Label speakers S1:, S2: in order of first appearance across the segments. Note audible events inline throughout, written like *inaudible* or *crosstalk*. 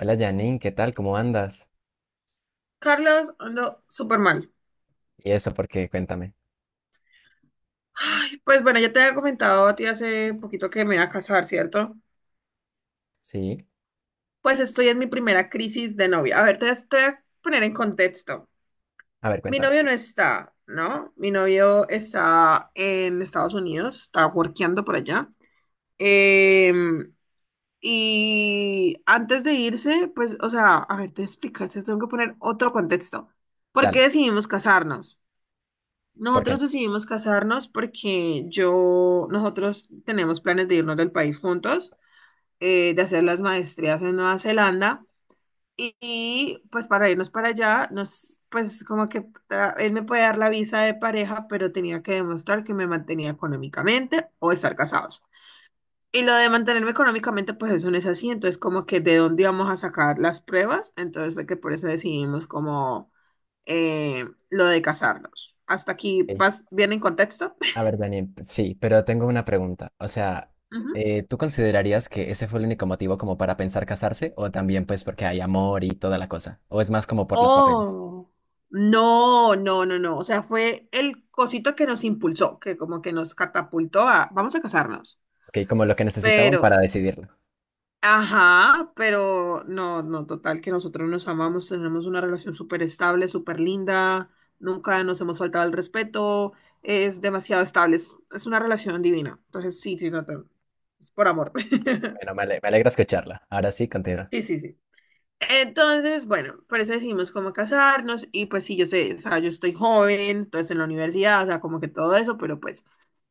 S1: Hola Janine, ¿qué tal? ¿Cómo andas?
S2: Carlos, ando súper mal.
S1: Y eso, ¿por qué? Cuéntame.
S2: Pues bueno, ya te había comentado a ti hace poquito que me iba a casar, ¿cierto?
S1: Sí.
S2: Pues estoy en mi primera crisis de novia. A ver, te voy a poner en contexto.
S1: A ver,
S2: Mi
S1: cuéntame.
S2: novio no está, ¿no? Mi novio está en Estados Unidos, está workeando por allá. Em, y antes de irse, pues, o sea, a ver, te explicas, te tengo que poner otro contexto. ¿Por qué
S1: Dale.
S2: decidimos casarnos?
S1: ¿Por qué?
S2: Nosotros decidimos casarnos porque yo, nosotros tenemos planes de irnos del país juntos, de hacer las maestrías en Nueva Zelanda pues para irnos para allá, nos, pues como que él me puede dar la visa de pareja, pero tenía que demostrar que me mantenía económicamente o estar casados. Y lo de mantenerme económicamente, pues eso no es así, entonces como que de dónde íbamos a sacar las pruebas, entonces fue que por eso decidimos como lo de casarnos. ¿Hasta aquí
S1: Ey.
S2: vas bien en contexto?
S1: A ver, Daniel, sí, pero tengo una pregunta. O sea,
S2: Ujú.
S1: ¿tú considerarías que ese fue el único motivo como para pensar casarse? ¿O también pues porque hay amor y toda la cosa? ¿O es más como por los papeles?
S2: Oh, no, no, no, no. O sea, fue el cosito que nos impulsó, que como que nos catapultó a, vamos a casarnos.
S1: Ok, como lo que necesitaban para
S2: Pero,
S1: decidirlo.
S2: ajá, pero no, no, total, que nosotros nos amamos, tenemos una relación súper estable, súper linda, nunca nos hemos faltado el respeto, es demasiado estable, es una relación divina. Entonces, sí, sí, no, es por amor. *laughs*
S1: Bueno, me alegra escucharla. Ahora sí, continúa.
S2: Sí, sí, sí. Entonces, bueno, por eso decidimos cómo casarnos y pues sí, yo sé, o sea, yo estoy joven, entonces en la universidad, o sea, como que todo eso, pero pues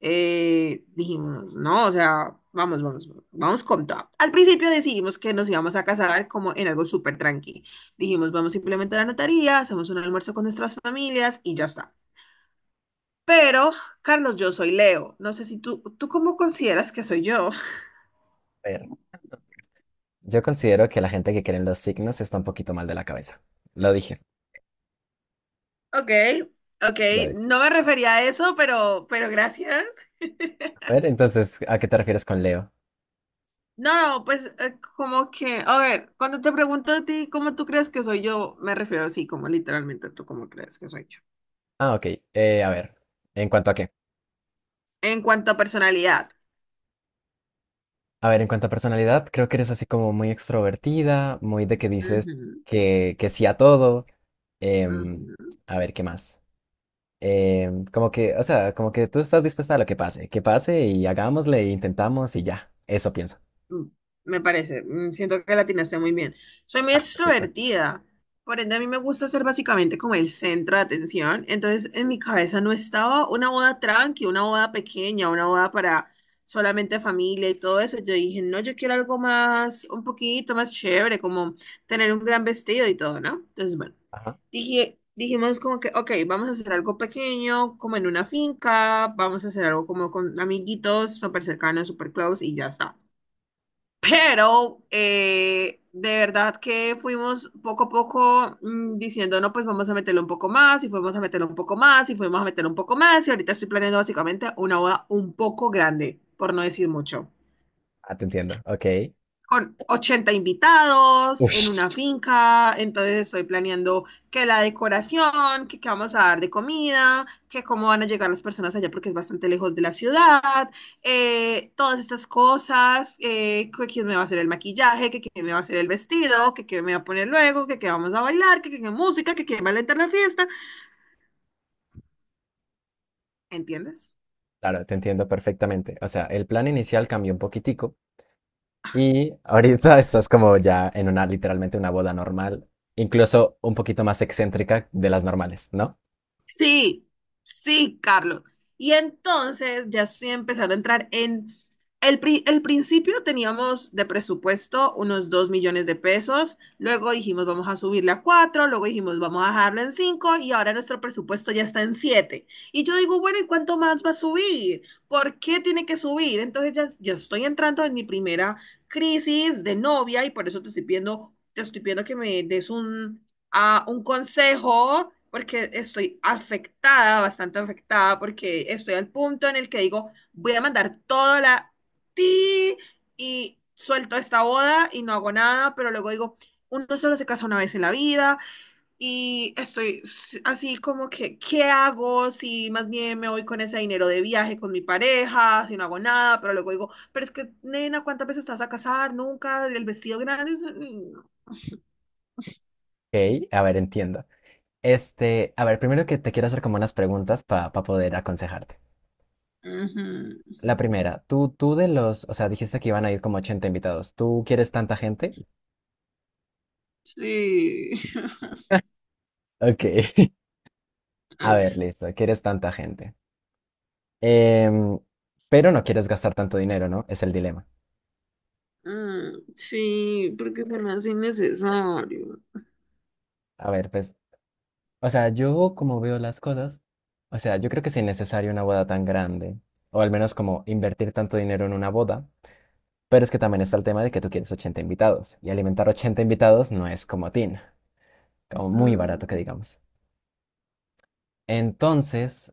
S2: dijimos, no, o sea, vamos, vamos, vamos con todo. Al principio decidimos que nos íbamos a casar como en algo súper tranqui. Dijimos, vamos simplemente a la notaría, hacemos un almuerzo con nuestras familias y ya está. Pero, Carlos, yo soy Leo. No sé si tú, ¿tú cómo consideras que soy yo? *laughs*
S1: A ver, yo considero que la gente que cree en los signos está un poquito mal de la cabeza. Lo dije.
S2: Ok, ok,
S1: Lo dije.
S2: no me refería a eso, pero gracias. *laughs*
S1: A ver, entonces, ¿a qué te refieres con Leo?
S2: No, pues como que, a ver, cuando te pregunto a ti cómo tú crees que soy yo, me refiero así, como literalmente tú cómo crees que soy yo.
S1: Ah, ok. A ver, ¿en cuanto a qué?
S2: En cuanto a personalidad.
S1: A ver, en cuanto a personalidad, creo que eres así como muy extrovertida, muy de que dices
S2: Ujú,
S1: que sí a todo. em,
S2: ujú.
S1: a ver, ¿qué más? Em, como que, o sea, como que tú estás dispuesta a lo que pase y hagámosle, e intentamos y ya. Eso pienso.
S2: Mm, Me parece. Siento que la atinaste muy bien. Soy muy
S1: Ah, perfecto.
S2: extrovertida, por ende a mí me gusta ser básicamente como el centro de atención, entonces en mi cabeza no estaba una boda tranqui, una boda pequeña, una boda para solamente familia y todo eso. Yo dije, no, yo quiero algo más, un poquito más chévere, como tener un gran vestido y todo, ¿no? Entonces, bueno,
S1: Ajá.
S2: dijimos como que, ok, vamos a hacer algo pequeño, como en una finca, vamos a hacer algo como con amiguitos, súper cercanos, súper close y ya está. Pero de verdad que fuimos poco a poco diciendo, no, pues vamos a meterle un poco más, y fuimos a meterle un poco más, y fuimos a meterle un poco más, y ahorita estoy planeando básicamente una boda un poco grande, por no decir mucho,
S1: Ah, te entiendo. Ok.
S2: con 80 invitados en
S1: Ush.
S2: una finca, entonces estoy planeando que la decoración, que qué vamos a dar de comida, que cómo van a llegar las personas allá porque es bastante lejos de la ciudad, todas estas cosas, que quién me va a hacer el maquillaje, que quién me va a hacer el vestido, que quién me va a poner luego, que qué vamos a bailar, que qué música, que quién va a alentar la fiesta, ¿entiendes?
S1: Claro, te entiendo perfectamente. O sea, el plan inicial cambió un poquitico. Y ahorita *laughs* estás como ya en una, literalmente una boda normal, incluso un poquito más excéntrica de las normales, ¿no?
S2: Sí, sí, Carlos. Y entonces ya estoy empezando a entrar en... El principio teníamos de presupuesto unos 2 millones de pesos, luego dijimos vamos a subirle a cuatro, luego dijimos vamos a dejarlo en cinco, y ahora nuestro presupuesto ya está en 7. Y yo digo, bueno, ¿y cuánto más va a subir? ¿Por qué tiene que subir? Entonces ya estoy entrando en mi primera crisis de novia y por eso te estoy pidiendo que me des un consejo, porque estoy afectada, bastante afectada, porque estoy al punto en el que digo, voy a mandar toda la ti y suelto esta boda y no hago nada, pero luego digo, uno solo se casa una vez en la vida y estoy así como que, ¿qué hago? Si más bien me voy con ese dinero de viaje con mi pareja, si no hago nada, pero luego digo, pero es que, nena, ¿cuántas veces estás a casar? Nunca, el vestido grande. Mm,
S1: Ok, a ver, entiendo. Este, a ver, primero que te quiero hacer como unas preguntas para poder aconsejarte.
S2: ujú.
S1: La primera, tú de los, o sea, dijiste que iban a ir como 80 invitados. ¿Tú quieres tanta gente?
S2: Sí. *laughs*
S1: Ok. *laughs* A
S2: Ah,
S1: ver, listo, quieres tanta gente. Em, pero no quieres gastar tanto dinero, ¿no? Es el dilema.
S2: mm, sí, porque se me hace innecesario.
S1: A ver, pues, o sea, yo como veo las cosas, o sea, yo creo que si es innecesario una boda tan grande, o al menos como invertir tanto dinero en una boda, pero es que también está el tema de que tú quieres 80 invitados, y alimentar 80 invitados no es como tin, como muy barato que
S2: Mm,
S1: digamos. Entonces,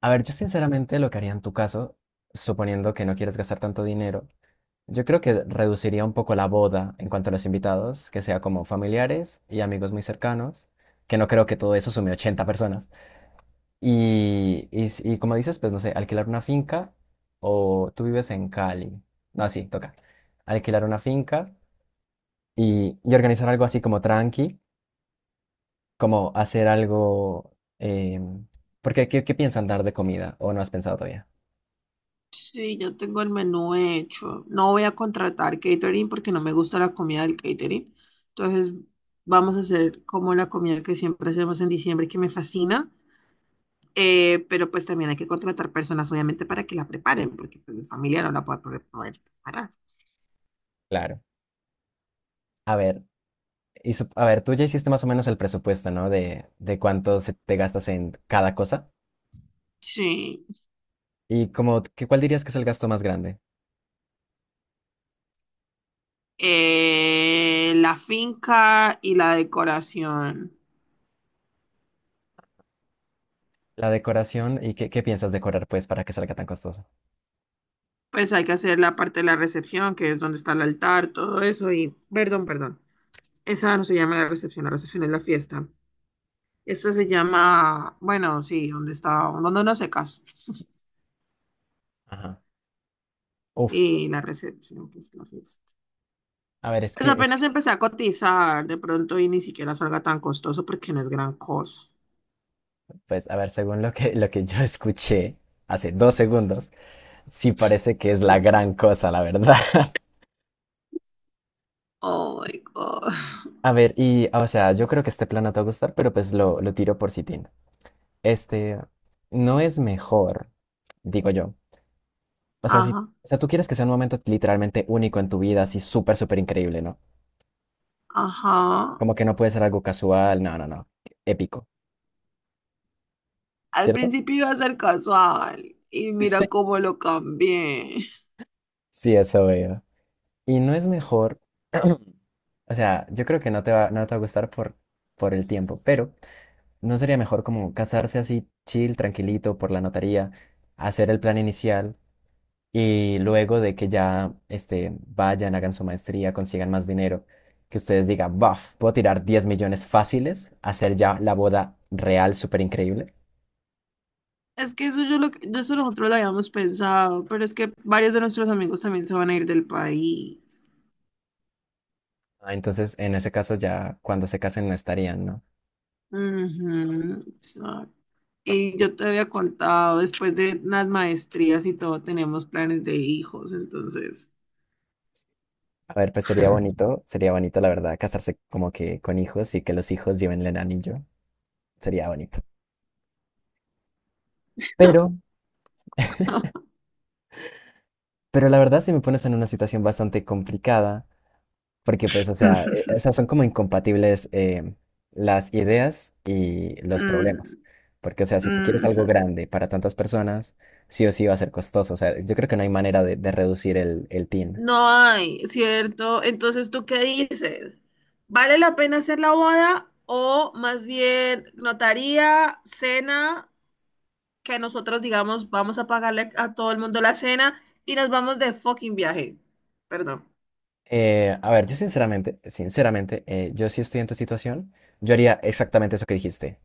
S1: a ver, yo sinceramente lo que haría en tu caso, suponiendo que no quieres gastar tanto dinero, yo creo que reduciría un poco la boda en cuanto a los invitados, que sea como familiares y amigos muy cercanos, que no creo que todo eso sume 80 personas. Y como dices, pues no sé, alquilar una finca o tú vives en Cali. No, sí, toca. Alquilar una finca y organizar algo así como tranqui, como hacer algo... em, porque, ¿qué piensan dar de comida? ¿O no has pensado todavía?
S2: sí, ya tengo el menú hecho. No voy a contratar catering porque no me gusta la comida del catering. Entonces, vamos a hacer como la comida que siempre hacemos en diciembre, que me fascina. Pero pues también hay que contratar personas, obviamente, para que la preparen, porque pues, mi familia no la puede poder preparar.
S1: Claro. A ver, y sup- a ver, tú ya hiciste más o menos el presupuesto, ¿no? De cuánto se te gastas en cada cosa.
S2: Sí.
S1: Y como, qué ¿cuál dirías que es el gasto más grande?
S2: La finca y la decoración.
S1: La decoración y ¿qué piensas decorar, pues, para que salga tan costoso?
S2: Pues hay que hacer la parte de la recepción, que es donde está el altar, todo eso, y perdón, perdón. Esa no se llama la recepción es la fiesta. Esta se llama, bueno, sí, donde está, donde uno se casa.
S1: Ajá. Uf.
S2: Y la recepción, que es la fiesta.
S1: A ver,
S2: Pues apenas empecé a cotizar de pronto y ni siquiera salga tan costoso porque no es gran cosa.
S1: pues, a ver, según lo que yo *laughs* escuché hace 2 segundos, sí parece que es la gran cosa, la verdad. *laughs*
S2: Oh my God.
S1: A ver, y, o sea, yo creo que este plan no te va a gustar, pero pues lo tiro por Sitín. Este, ¿no es mejor, digo yo? O sea, si,
S2: Ajá,
S1: o sea, tú quieres que sea un momento literalmente único en tu vida, así súper, súper increíble, ¿no?
S2: ajá.
S1: Como que no puede ser algo casual, no, épico,
S2: Al
S1: ¿cierto?
S2: principio iba a ser casual y mira cómo lo cambié.
S1: Sí, eso veo. Y ¿no es mejor, o sea, yo creo que no te va a gustar por el tiempo, pero ¿no sería mejor como casarse así chill, tranquilito, por la notaría, hacer el plan inicial y luego de que ya este, vayan, hagan su maestría, consigan más dinero, que ustedes digan, buf, puedo tirar 10 millones fáciles, hacer ya la boda real súper increíble?
S2: Es que eso nosotros lo habíamos pensado, pero es que varios de nuestros amigos también se van a ir del país.
S1: Ah, entonces, en ese caso ya cuando se casen no estarían, ¿no?
S2: Ujú, exacto. Y yo te había contado, después de las maestrías y todo, tenemos planes de hijos, entonces.
S1: A ver, pues sería bonito la verdad casarse como que con hijos y que los hijos lleven el anillo, sería bonito. Pero, pero la verdad si me pones en una situación bastante complicada. Porque pues, o sea, e-
S2: *laughs*
S1: esas son como incompatibles em, las ideas y los problemas.
S2: Mm,
S1: Porque, o sea, si tú quieres algo
S2: ujú.
S1: grande para tantas personas, sí o sí va a ser costoso. O sea, yo creo que no hay manera de reducir el TIN.
S2: No hay, ¿cierto? Entonces, ¿tú qué dices? ¿Vale la pena hacer la boda o más bien notaría, cena? Que nosotros digamos, vamos a pagarle a todo el mundo la cena y nos vamos de fucking viaje. Perdón.
S1: A ver, yo sinceramente, sinceramente, yo sí estoy en tu situación, yo haría exactamente eso que dijiste.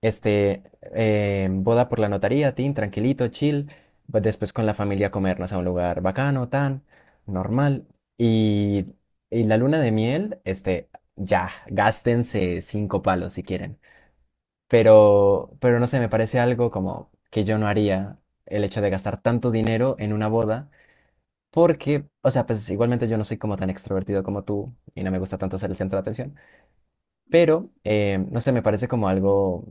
S1: Este, boda por la notaría, tin, tranquilito, chill. Pues después con la familia comernos a un lugar bacano, tan, normal. Y, y la luna de miel, este, ya, gástense 5 palos si quieren. Pero no sé, me parece algo como que yo no haría el hecho de gastar tanto dinero en una boda. Porque, o sea, pues igualmente yo no soy como tan extrovertido como tú y no me gusta tanto ser el centro de atención. Pero, no sé, me parece como algo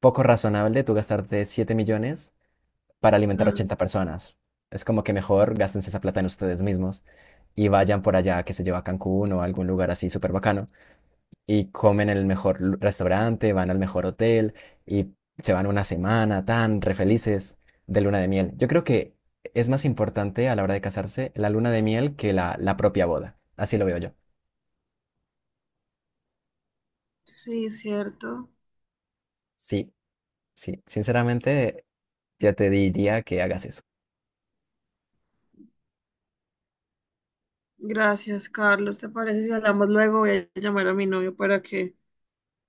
S1: poco razonable tú gastarte 7 millones para alimentar
S2: Mm,
S1: 80 personas. Es como que mejor gástense esa plata en ustedes mismos y vayan por allá, qué sé yo, a Cancún o a algún lugar así súper bacano y comen en el mejor lu- restaurante, van al mejor hotel y se van una semana tan re felices de luna de miel. Yo creo que es más importante a la hora de casarse la luna de miel que la propia boda. Así lo veo yo.
S2: sí, cierto.
S1: Sí, sí, sinceramente yo te diría que hagas eso.
S2: Gracias, Carlos. ¿Te parece si hablamos luego? Voy a llamar a mi novio para que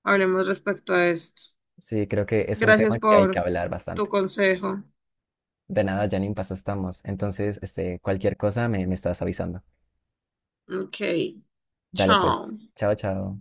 S2: hablemos respecto a esto.
S1: Sí, creo que es un
S2: Gracias
S1: tema que hay que
S2: por
S1: hablar
S2: tu
S1: bastante.
S2: consejo.
S1: De nada, Janine, paso estamos. Entonces, este, cualquier cosa me, me estás avisando.
S2: Ok,
S1: Dale pues.
S2: chao.
S1: Chao, chao.